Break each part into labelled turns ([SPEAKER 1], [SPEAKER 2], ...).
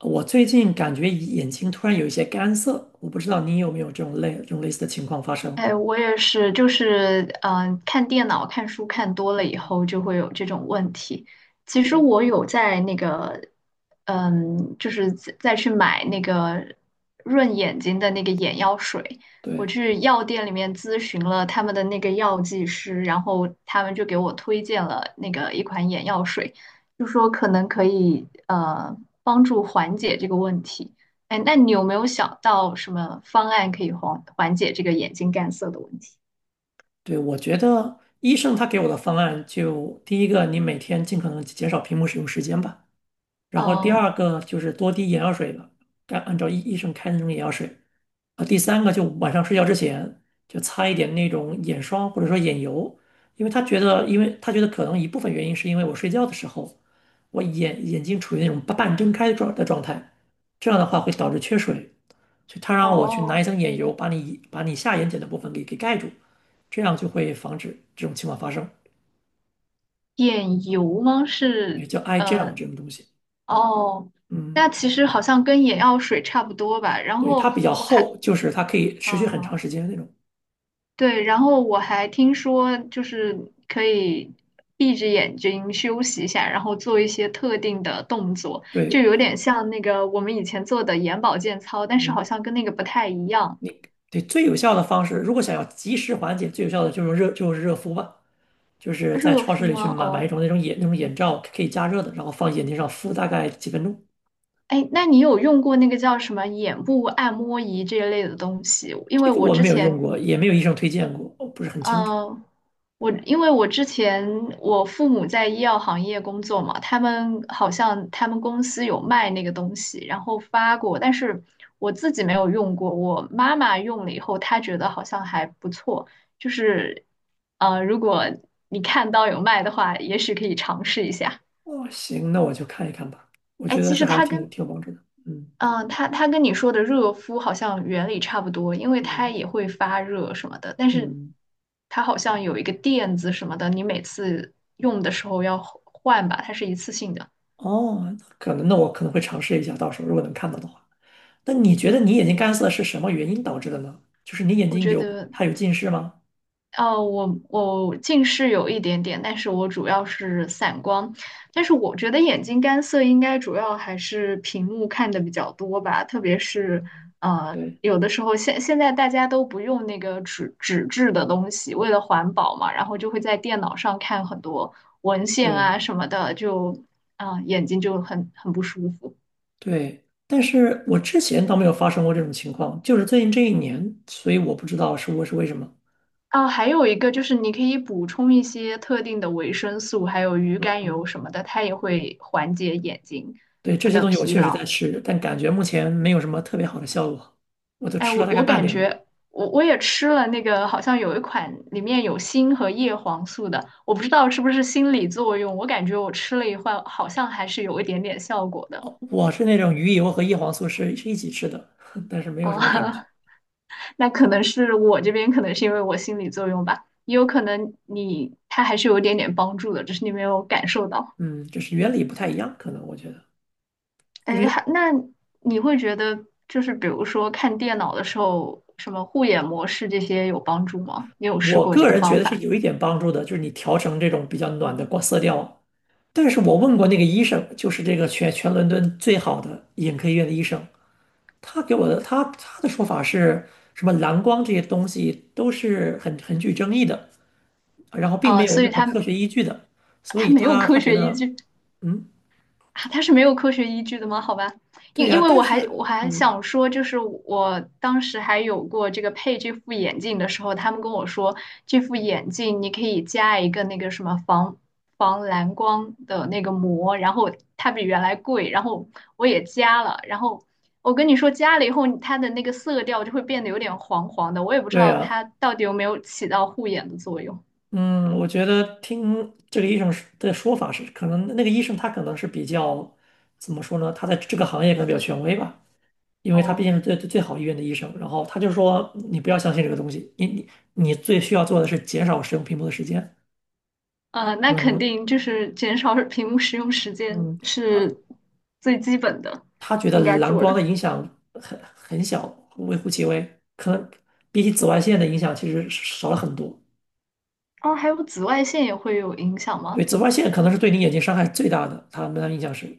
[SPEAKER 1] 我最近感觉眼睛突然有一些干涩，我不知道你有没有这种类似的情况发生。
[SPEAKER 2] 哎，我也是，就是看电脑、看书看多了以
[SPEAKER 1] 嗯，
[SPEAKER 2] 后，就会有这种问题。其实我有在那个，就是再去买那个润眼睛的那个眼药水。我
[SPEAKER 1] 对
[SPEAKER 2] 去药店里面咨询了他们的那个药剂师，然后他们就给我推荐了那个一款眼药水，就说可能可以帮助缓解这个问题。哎，那你有没有想到什么方案可以缓解这个眼睛干涩的问题？
[SPEAKER 1] 对，我觉得医生他给我的方案就第一个，你每天尽可能减少屏幕使用时间吧。然后第
[SPEAKER 2] 哦。
[SPEAKER 1] 二个就是多滴眼药水了，该按照医生开的那种眼药水。啊，第三个就晚上睡觉之前就擦一点那种眼霜或者说眼油，因为他觉得可能一部分原因是因为我睡觉的时候，我眼睛处于那种半睁开的状态，这样的话会导致缺水，所以他让我去拿一
[SPEAKER 2] 哦，
[SPEAKER 1] 层眼油把你下眼睑的部分给盖住，这样就会防止这种情况发生，
[SPEAKER 2] 眼油吗？
[SPEAKER 1] 也
[SPEAKER 2] 是。
[SPEAKER 1] 叫 eye gel
[SPEAKER 2] 呃
[SPEAKER 1] 这种东西。
[SPEAKER 2] 哦，
[SPEAKER 1] 嗯，
[SPEAKER 2] 那其实好像跟眼药水差不多吧。然
[SPEAKER 1] 对，它
[SPEAKER 2] 后
[SPEAKER 1] 比较
[SPEAKER 2] 我还……
[SPEAKER 1] 厚，就是它可以持续很长
[SPEAKER 2] 哦，
[SPEAKER 1] 时间那种。
[SPEAKER 2] 对，然后我还听说就是可以闭着眼睛休息一下，然后做一些特定的动作，就
[SPEAKER 1] 对，
[SPEAKER 2] 有点像那个我们以前做的眼保健操，但是
[SPEAKER 1] 嗯，
[SPEAKER 2] 好像跟那个不太一样。
[SPEAKER 1] 你对最有效的方式，如果想要及时缓解，最有效的就是热敷吧，就是在
[SPEAKER 2] 热
[SPEAKER 1] 超
[SPEAKER 2] 敷
[SPEAKER 1] 市里去
[SPEAKER 2] 吗？
[SPEAKER 1] 买一
[SPEAKER 2] 哦。
[SPEAKER 1] 种那种眼罩可以加热的，然后放眼睛上敷大概几分钟。
[SPEAKER 2] 哎，那你有用过那个叫什么眼部按摩仪这一类的东西？因
[SPEAKER 1] 这
[SPEAKER 2] 为
[SPEAKER 1] 个
[SPEAKER 2] 我
[SPEAKER 1] 我
[SPEAKER 2] 之
[SPEAKER 1] 没有用
[SPEAKER 2] 前，
[SPEAKER 1] 过，也没有医生推荐过，我不是很清楚。
[SPEAKER 2] 呃，我因为我之前我父母在医药行业工作嘛，他们好像他们公司有卖那个东西，然后发过，但是我自己没有用过。我妈妈用了以后，她觉得好像还不错，就是，如果你看到有卖的话，也许可以尝试一下。
[SPEAKER 1] 哦，行，那我就看一看吧。我
[SPEAKER 2] 哎，
[SPEAKER 1] 觉得
[SPEAKER 2] 其
[SPEAKER 1] 这
[SPEAKER 2] 实
[SPEAKER 1] 还是
[SPEAKER 2] 它
[SPEAKER 1] 挺
[SPEAKER 2] 跟……
[SPEAKER 1] 挺有帮助的。嗯
[SPEAKER 2] 嗯，它跟你说的热敷好像原理差不多，因为它
[SPEAKER 1] 嗯
[SPEAKER 2] 也会发热什么的，但是
[SPEAKER 1] 嗯，
[SPEAKER 2] 它好像有一个垫子什么的，你每次用的时候要换吧，它是一次性的。
[SPEAKER 1] 哦，那我可能会尝试一下，到时候如果能看到的话。那你觉得你眼睛干涩是什么原因导致的呢？就是你眼
[SPEAKER 2] 我
[SPEAKER 1] 睛
[SPEAKER 2] 觉
[SPEAKER 1] 有
[SPEAKER 2] 得……
[SPEAKER 1] 它有近视吗？
[SPEAKER 2] 哦，我近视有一点点，但是我主要是散光。但是我觉得眼睛干涩应该主要还是屏幕看的比较多吧，特别是呃，
[SPEAKER 1] 对，
[SPEAKER 2] 有的时候现在大家都不用那个纸质的东西，为了环保嘛，然后就会在电脑上看很多文献啊
[SPEAKER 1] 对
[SPEAKER 2] 什么的，就眼睛就很不舒服。
[SPEAKER 1] 对，但是我之前倒没有发生过这种情况，就是最近这一年，所以我不知道是为什么。
[SPEAKER 2] 啊，还有一个就是你可以补充一些特定的维生素，还有鱼肝油
[SPEAKER 1] 嗯，
[SPEAKER 2] 什么的，它也会缓解眼睛
[SPEAKER 1] 对，这些
[SPEAKER 2] 的
[SPEAKER 1] 东西我
[SPEAKER 2] 疲
[SPEAKER 1] 确实在
[SPEAKER 2] 劳。
[SPEAKER 1] 吃，但感觉目前没有什么特别好的效果，我都
[SPEAKER 2] 哎，
[SPEAKER 1] 吃
[SPEAKER 2] 我
[SPEAKER 1] 了大概
[SPEAKER 2] 我
[SPEAKER 1] 半
[SPEAKER 2] 感
[SPEAKER 1] 年了。
[SPEAKER 2] 觉我也吃了那个，好像有一款里面有锌和叶黄素的，我不知道是不是心理作用，我感觉我吃了一会儿，好像还是有一点点效果的。
[SPEAKER 1] 哦，我是那种鱼油和叶黄素是一起吃的，但是没有
[SPEAKER 2] 哦，
[SPEAKER 1] 什么感觉。
[SPEAKER 2] 那可能是我这边可能是因为我心理作用吧，也有可能你它还是有一点点帮助的，只是你没有感受到。
[SPEAKER 1] 嗯，就是原理不太一样，可能我觉得，因
[SPEAKER 2] 哎，
[SPEAKER 1] 为
[SPEAKER 2] 还那你会觉得就是比如说看电脑的时候，什么护眼模式这些有帮助吗？你有试
[SPEAKER 1] 我
[SPEAKER 2] 过这
[SPEAKER 1] 个
[SPEAKER 2] 个
[SPEAKER 1] 人觉
[SPEAKER 2] 方
[SPEAKER 1] 得是
[SPEAKER 2] 法
[SPEAKER 1] 有一点帮助的，就是你调成这种比较暖的光色调。但是我问过那个医生，就是这个全伦敦最好的眼科医院的医生，他给我的他的说法是，什么蓝光这些东西都是很具争议的，然后并没
[SPEAKER 2] 啊？
[SPEAKER 1] 有
[SPEAKER 2] 所以
[SPEAKER 1] 任何
[SPEAKER 2] 它……
[SPEAKER 1] 科学依据的，所
[SPEAKER 2] 它
[SPEAKER 1] 以
[SPEAKER 2] 没有
[SPEAKER 1] 他
[SPEAKER 2] 科
[SPEAKER 1] 他觉
[SPEAKER 2] 学依
[SPEAKER 1] 得，
[SPEAKER 2] 据。
[SPEAKER 1] 嗯，
[SPEAKER 2] 啊，它是没有科学依据的吗？好吧，
[SPEAKER 1] 对
[SPEAKER 2] 因因
[SPEAKER 1] 呀，
[SPEAKER 2] 为
[SPEAKER 1] 但
[SPEAKER 2] 我还我
[SPEAKER 1] 是
[SPEAKER 2] 还
[SPEAKER 1] 嗯，
[SPEAKER 2] 想说，就是我当时还有过这个配这副眼镜的时候，他们跟我说，这副眼镜你可以加一个那个什么防蓝光的那个膜，然后它比原来贵，然后我也加了，然后我跟你说加了以后，它的那个色调就会变得有点黄黄的，我也不知
[SPEAKER 1] 对
[SPEAKER 2] 道
[SPEAKER 1] 呀，
[SPEAKER 2] 它到底有没有起到护眼的作用。
[SPEAKER 1] 嗯，我觉得听这个医生的说法是，可能那个医生他可能是比较，怎么说呢？他在这个行业可能比较权威吧。因为他毕
[SPEAKER 2] 哦。
[SPEAKER 1] 竟是最好医院的医生。然后他就说，你不要相信这个东西，你最需要做的是减少使用屏幕的时间。
[SPEAKER 2] 那
[SPEAKER 1] 可
[SPEAKER 2] 肯
[SPEAKER 1] 能，
[SPEAKER 2] 定就是减少 屏幕使用时间
[SPEAKER 1] 嗯，他
[SPEAKER 2] 是最基本的，
[SPEAKER 1] 他觉得
[SPEAKER 2] 应该
[SPEAKER 1] 蓝
[SPEAKER 2] 做
[SPEAKER 1] 光的
[SPEAKER 2] 的。
[SPEAKER 1] 影响很小，微乎其微，可能比起紫外线的影响其实少了很多。
[SPEAKER 2] 哦，还有紫外线也会有影响
[SPEAKER 1] 对，
[SPEAKER 2] 吗？
[SPEAKER 1] 紫外线可能是对你眼睛伤害最大的，他们的影响是，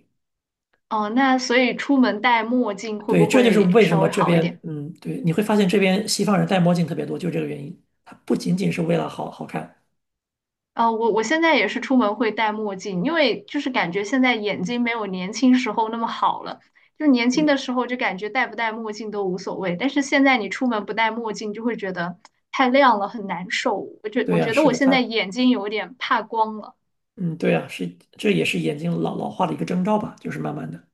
[SPEAKER 2] 哦，那所以出门戴墨镜会
[SPEAKER 1] 对，
[SPEAKER 2] 不
[SPEAKER 1] 这就是
[SPEAKER 2] 会
[SPEAKER 1] 为什
[SPEAKER 2] 稍
[SPEAKER 1] 么
[SPEAKER 2] 微
[SPEAKER 1] 这
[SPEAKER 2] 好一
[SPEAKER 1] 边，
[SPEAKER 2] 点？
[SPEAKER 1] 嗯，对，你会发现这边西方人戴墨镜特别多，就这个原因。它不仅仅是为了好看，
[SPEAKER 2] 哦，我现在也是出门会戴墨镜，因为就是感觉现在眼睛没有年轻时候那么好了。就年轻的
[SPEAKER 1] 对，
[SPEAKER 2] 时候就感觉戴不戴墨镜都无所谓，但是现在你出门不戴墨镜就会觉得太亮了，很难受。我觉
[SPEAKER 1] 对
[SPEAKER 2] 我
[SPEAKER 1] 呀，
[SPEAKER 2] 觉得
[SPEAKER 1] 是
[SPEAKER 2] 我
[SPEAKER 1] 的，
[SPEAKER 2] 现在
[SPEAKER 1] 它。
[SPEAKER 2] 眼睛有点怕光了。
[SPEAKER 1] 嗯，对啊，是，这也是眼睛老化的一个征兆吧，就是慢慢的，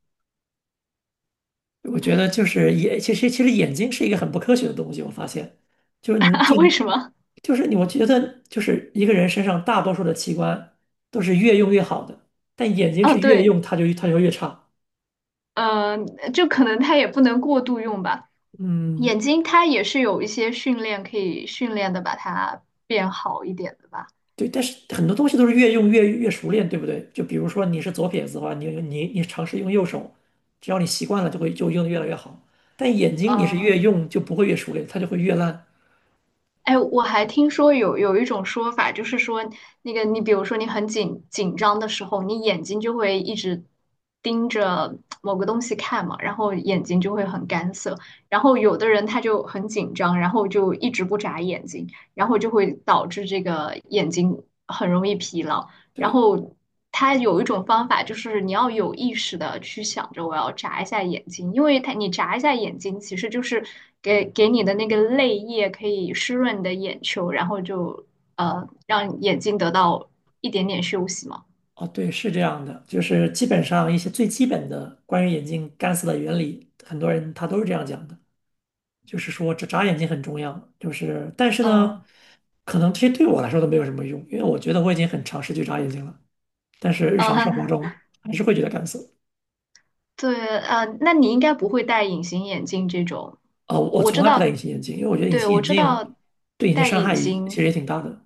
[SPEAKER 1] 我觉得就是眼，其实眼睛是一个很不科学的东西，我发现，就是你就
[SPEAKER 2] 为什么？
[SPEAKER 1] 就是你，我觉得就是一个人身上大多数的器官都是越用越好的，但眼睛
[SPEAKER 2] 哦，
[SPEAKER 1] 是越
[SPEAKER 2] 对，
[SPEAKER 1] 用它就越差，
[SPEAKER 2] 呃，就可能它也不能过度用吧。
[SPEAKER 1] 嗯，
[SPEAKER 2] 眼睛它也是有一些训练可以训练的，把它变好一点的吧。
[SPEAKER 1] 对，但是很多东西都是越用越熟练，对不对？就比如说你是左撇子的话，你尝试用右手，只要你习惯了，就会就用的越来越好，但眼睛你是越
[SPEAKER 2] 嗯。
[SPEAKER 1] 用就不会越熟练，它就会越烂。
[SPEAKER 2] 哎，我还听说有一种说法，就是说那个你比如说你很紧张的时候，你眼睛就会一直盯着某个东西看嘛，然后眼睛就会很干涩。然后有的人他就很紧张，然后就一直不眨眼睛，然后就会导致这个眼睛很容易疲劳。然
[SPEAKER 1] 对，
[SPEAKER 2] 后它有一种方法，就是你要有意识的去想着我要眨一下眼睛，因为它你眨一下眼睛，其实就是给你的那个泪液可以湿润你的眼球，然后就让眼睛得到一点点休息嘛。
[SPEAKER 1] 哦，对，是这样的，就是基本上一些最基本的关于眼睛干涩的原理，很多人他都是这样讲的，就是说这眨眼睛很重要，就是但是
[SPEAKER 2] 嗯。
[SPEAKER 1] 呢，可能这些对我来说都没有什么用，因为我觉得我已经很尝试去眨眼睛了，但是日常生活
[SPEAKER 2] 嗯，
[SPEAKER 1] 中还是会觉得干涩。
[SPEAKER 2] 对，那你应该不会戴隐形眼镜这种，
[SPEAKER 1] 哦，
[SPEAKER 2] 我
[SPEAKER 1] 我
[SPEAKER 2] 我
[SPEAKER 1] 从
[SPEAKER 2] 知
[SPEAKER 1] 来不戴隐
[SPEAKER 2] 道，
[SPEAKER 1] 形眼镜，因为我觉得隐
[SPEAKER 2] 对，
[SPEAKER 1] 形
[SPEAKER 2] 我
[SPEAKER 1] 眼
[SPEAKER 2] 知
[SPEAKER 1] 镜
[SPEAKER 2] 道
[SPEAKER 1] 对眼睛
[SPEAKER 2] 戴
[SPEAKER 1] 伤害
[SPEAKER 2] 隐
[SPEAKER 1] 也其实
[SPEAKER 2] 形。
[SPEAKER 1] 也挺大的。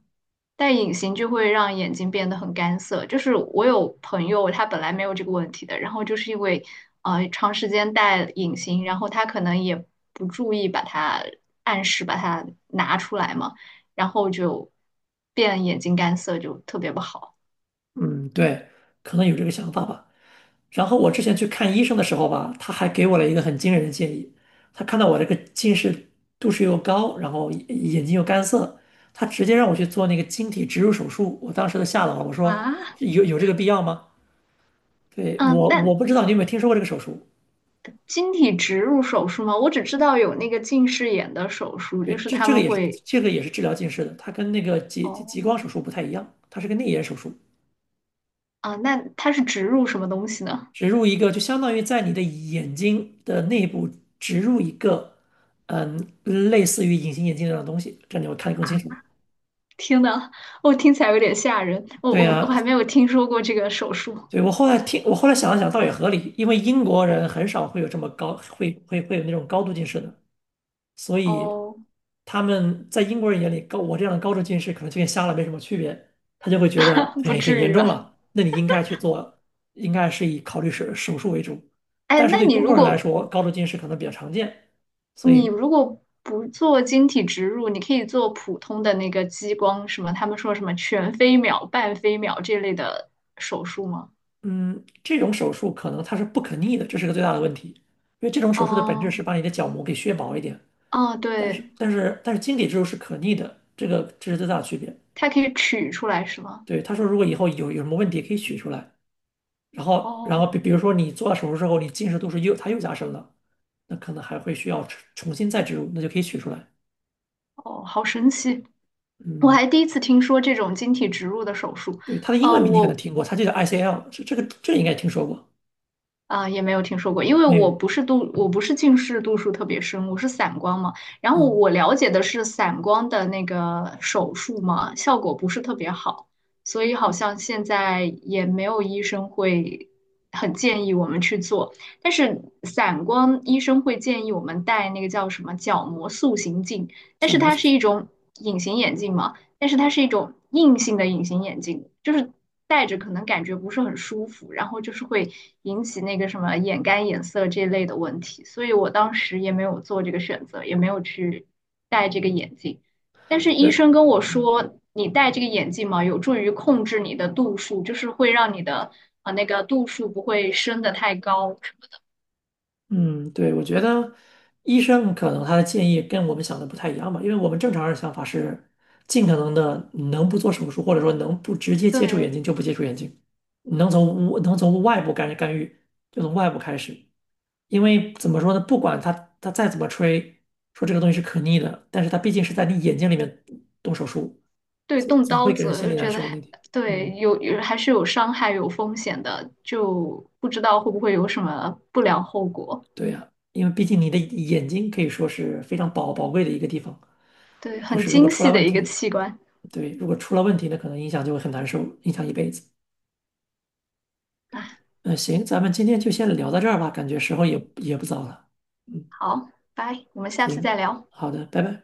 [SPEAKER 2] 戴隐形就会让眼睛变得很干涩。就是我有朋友，他本来没有这个问题的，然后就是因为长时间戴隐形，然后他可能也不注意把它按时把它拿出来嘛，然后就变眼睛干涩，就特别不好。
[SPEAKER 1] 嗯，对，可能有这个想法吧。然后我之前去看医生的时候吧，他还给我了一个很惊人的建议。他看到我这个近视度数又高，然后眼睛又干涩，他直接让我去做那个晶体植入手术。我当时都吓到了，我说
[SPEAKER 2] 啊。
[SPEAKER 1] 有这个必要吗？对，
[SPEAKER 2] 嗯，
[SPEAKER 1] 我
[SPEAKER 2] 那
[SPEAKER 1] 不知道你有没有听说过这个手术。
[SPEAKER 2] 晶体植入手术吗？我只知道有那个近视眼的手术，就
[SPEAKER 1] 对，
[SPEAKER 2] 是
[SPEAKER 1] 这
[SPEAKER 2] 他
[SPEAKER 1] 这个
[SPEAKER 2] 们
[SPEAKER 1] 也是
[SPEAKER 2] 会……
[SPEAKER 1] 这个也是治疗近视的，它跟那个激激
[SPEAKER 2] 哦，
[SPEAKER 1] 激光手术不太一样，它是个内眼手术，
[SPEAKER 2] 啊，那它是植入什么东西呢？
[SPEAKER 1] 植入一个就相当于在你的眼睛的内部植入一个，嗯，类似于隐形眼镜那样的东西，这样你会看得更清楚。
[SPEAKER 2] 听的，我听起来有点吓人，我
[SPEAKER 1] 对
[SPEAKER 2] 我我
[SPEAKER 1] 呀，
[SPEAKER 2] 还没有听说过这个手术。
[SPEAKER 1] 对，我后来听，我后来想了想，倒也合理，因为英国人很少会有这么高，会有那种高度近视的，所以
[SPEAKER 2] 哦，
[SPEAKER 1] 他们在英国人眼里，高我这样的高度近视可能就跟瞎了没什么区别，他就会觉得，
[SPEAKER 2] 不
[SPEAKER 1] 哎，很
[SPEAKER 2] 至
[SPEAKER 1] 严
[SPEAKER 2] 于
[SPEAKER 1] 重
[SPEAKER 2] 吧？
[SPEAKER 1] 了，那你应该去做，应该是以考虑手术为主。
[SPEAKER 2] 哎，
[SPEAKER 1] 但是
[SPEAKER 2] 那
[SPEAKER 1] 对
[SPEAKER 2] 你
[SPEAKER 1] 中国
[SPEAKER 2] 如
[SPEAKER 1] 人来
[SPEAKER 2] 果
[SPEAKER 1] 说，高度近视可能比较常见，所
[SPEAKER 2] 你
[SPEAKER 1] 以，
[SPEAKER 2] 如果不做晶体植入，你可以做普通的那个激光，什么他们说什么全飞秒、半飞秒这类的手术吗？
[SPEAKER 1] 嗯，这种手术可能它是不可逆的，这是个最大的问题，因为这种手术的本质
[SPEAKER 2] 哦。
[SPEAKER 1] 是把你的角膜给削薄一点。
[SPEAKER 2] 哦，
[SPEAKER 1] 但是
[SPEAKER 2] 对，
[SPEAKER 1] 但是但是晶体植入是可逆的，这是最大的区别。
[SPEAKER 2] 它可以取出来是吗？
[SPEAKER 1] 对，他说如果以后有什么问题可以取出来，然后然后
[SPEAKER 2] 哦。
[SPEAKER 1] 比比如说你做了手术之后，你近视度数它又加深了，那可能还会需要重新再植入，那就可以取出来。
[SPEAKER 2] 哦，好神奇！我
[SPEAKER 1] 嗯，
[SPEAKER 2] 还第一次听说这种晶体植入的手术。
[SPEAKER 1] 对，它的英
[SPEAKER 2] 呃，
[SPEAKER 1] 文名你可能
[SPEAKER 2] 我
[SPEAKER 1] 听过，它就叫 ICL，这个应该听说过
[SPEAKER 2] 啊，也没有听说过，因为
[SPEAKER 1] 没
[SPEAKER 2] 我
[SPEAKER 1] 有？
[SPEAKER 2] 不是度，我不是近视度数特别深，我是散光嘛。然后
[SPEAKER 1] 嗯，
[SPEAKER 2] 我了解的是散光的那个手术嘛，效果不是特别好，所以好
[SPEAKER 1] 哦，
[SPEAKER 2] 像现在也没有医生会很建议我们去做。但是散光医生会建议我们戴那个叫什么角膜塑形镜，但
[SPEAKER 1] 叫
[SPEAKER 2] 是
[SPEAKER 1] 毛
[SPEAKER 2] 它
[SPEAKER 1] 组
[SPEAKER 2] 是
[SPEAKER 1] 织。
[SPEAKER 2] 一种隐形眼镜嘛，但是它是一种硬性的隐形眼镜，就是戴着可能感觉不是很舒服，然后就是会引起那个什么眼干眼涩这类的问题，所以我当时也没有做这个选择，也没有去戴这个眼镜。但是医
[SPEAKER 1] 对。
[SPEAKER 2] 生跟我说，你戴这个眼镜嘛，有助于控制你的度数，就是会让你的那个度数不会升得太高。
[SPEAKER 1] 嗯，对，我觉得医生可能他的建议跟我们想的不太一样吧，因为我们正常人想法是尽可能的能不做手术，或者说能不直接接触眼
[SPEAKER 2] 对。
[SPEAKER 1] 睛就不接触眼睛，能从外部干预就从外部开始，因为怎么说呢，不管他再怎么吹说这个东西是可逆的，但是他毕竟是在你眼睛里面动手术，
[SPEAKER 2] 对，
[SPEAKER 1] 总
[SPEAKER 2] 动
[SPEAKER 1] 总
[SPEAKER 2] 刀
[SPEAKER 1] 会给人
[SPEAKER 2] 子
[SPEAKER 1] 心
[SPEAKER 2] 就
[SPEAKER 1] 里难
[SPEAKER 2] 觉得
[SPEAKER 1] 受
[SPEAKER 2] 还……
[SPEAKER 1] 那点。
[SPEAKER 2] 对，
[SPEAKER 1] 嗯，
[SPEAKER 2] 有还是有伤害、有风险的，就不知道会不会有什么不良后果。
[SPEAKER 1] 对呀，因为毕竟你的眼睛可以说是非常宝贵的一个地方。
[SPEAKER 2] 对，
[SPEAKER 1] 就
[SPEAKER 2] 很
[SPEAKER 1] 是如果
[SPEAKER 2] 精
[SPEAKER 1] 出了
[SPEAKER 2] 细的
[SPEAKER 1] 问
[SPEAKER 2] 一个
[SPEAKER 1] 题，
[SPEAKER 2] 器官
[SPEAKER 1] 对，如果出了问题呢，可能影响就会很难受，影响一辈子。
[SPEAKER 2] 啊。
[SPEAKER 1] 嗯，行，咱们今天就先聊到这儿吧，感觉时候也不早了。嗯，
[SPEAKER 2] 好，拜，我们下次再
[SPEAKER 1] 行，
[SPEAKER 2] 聊。
[SPEAKER 1] 好的，拜拜。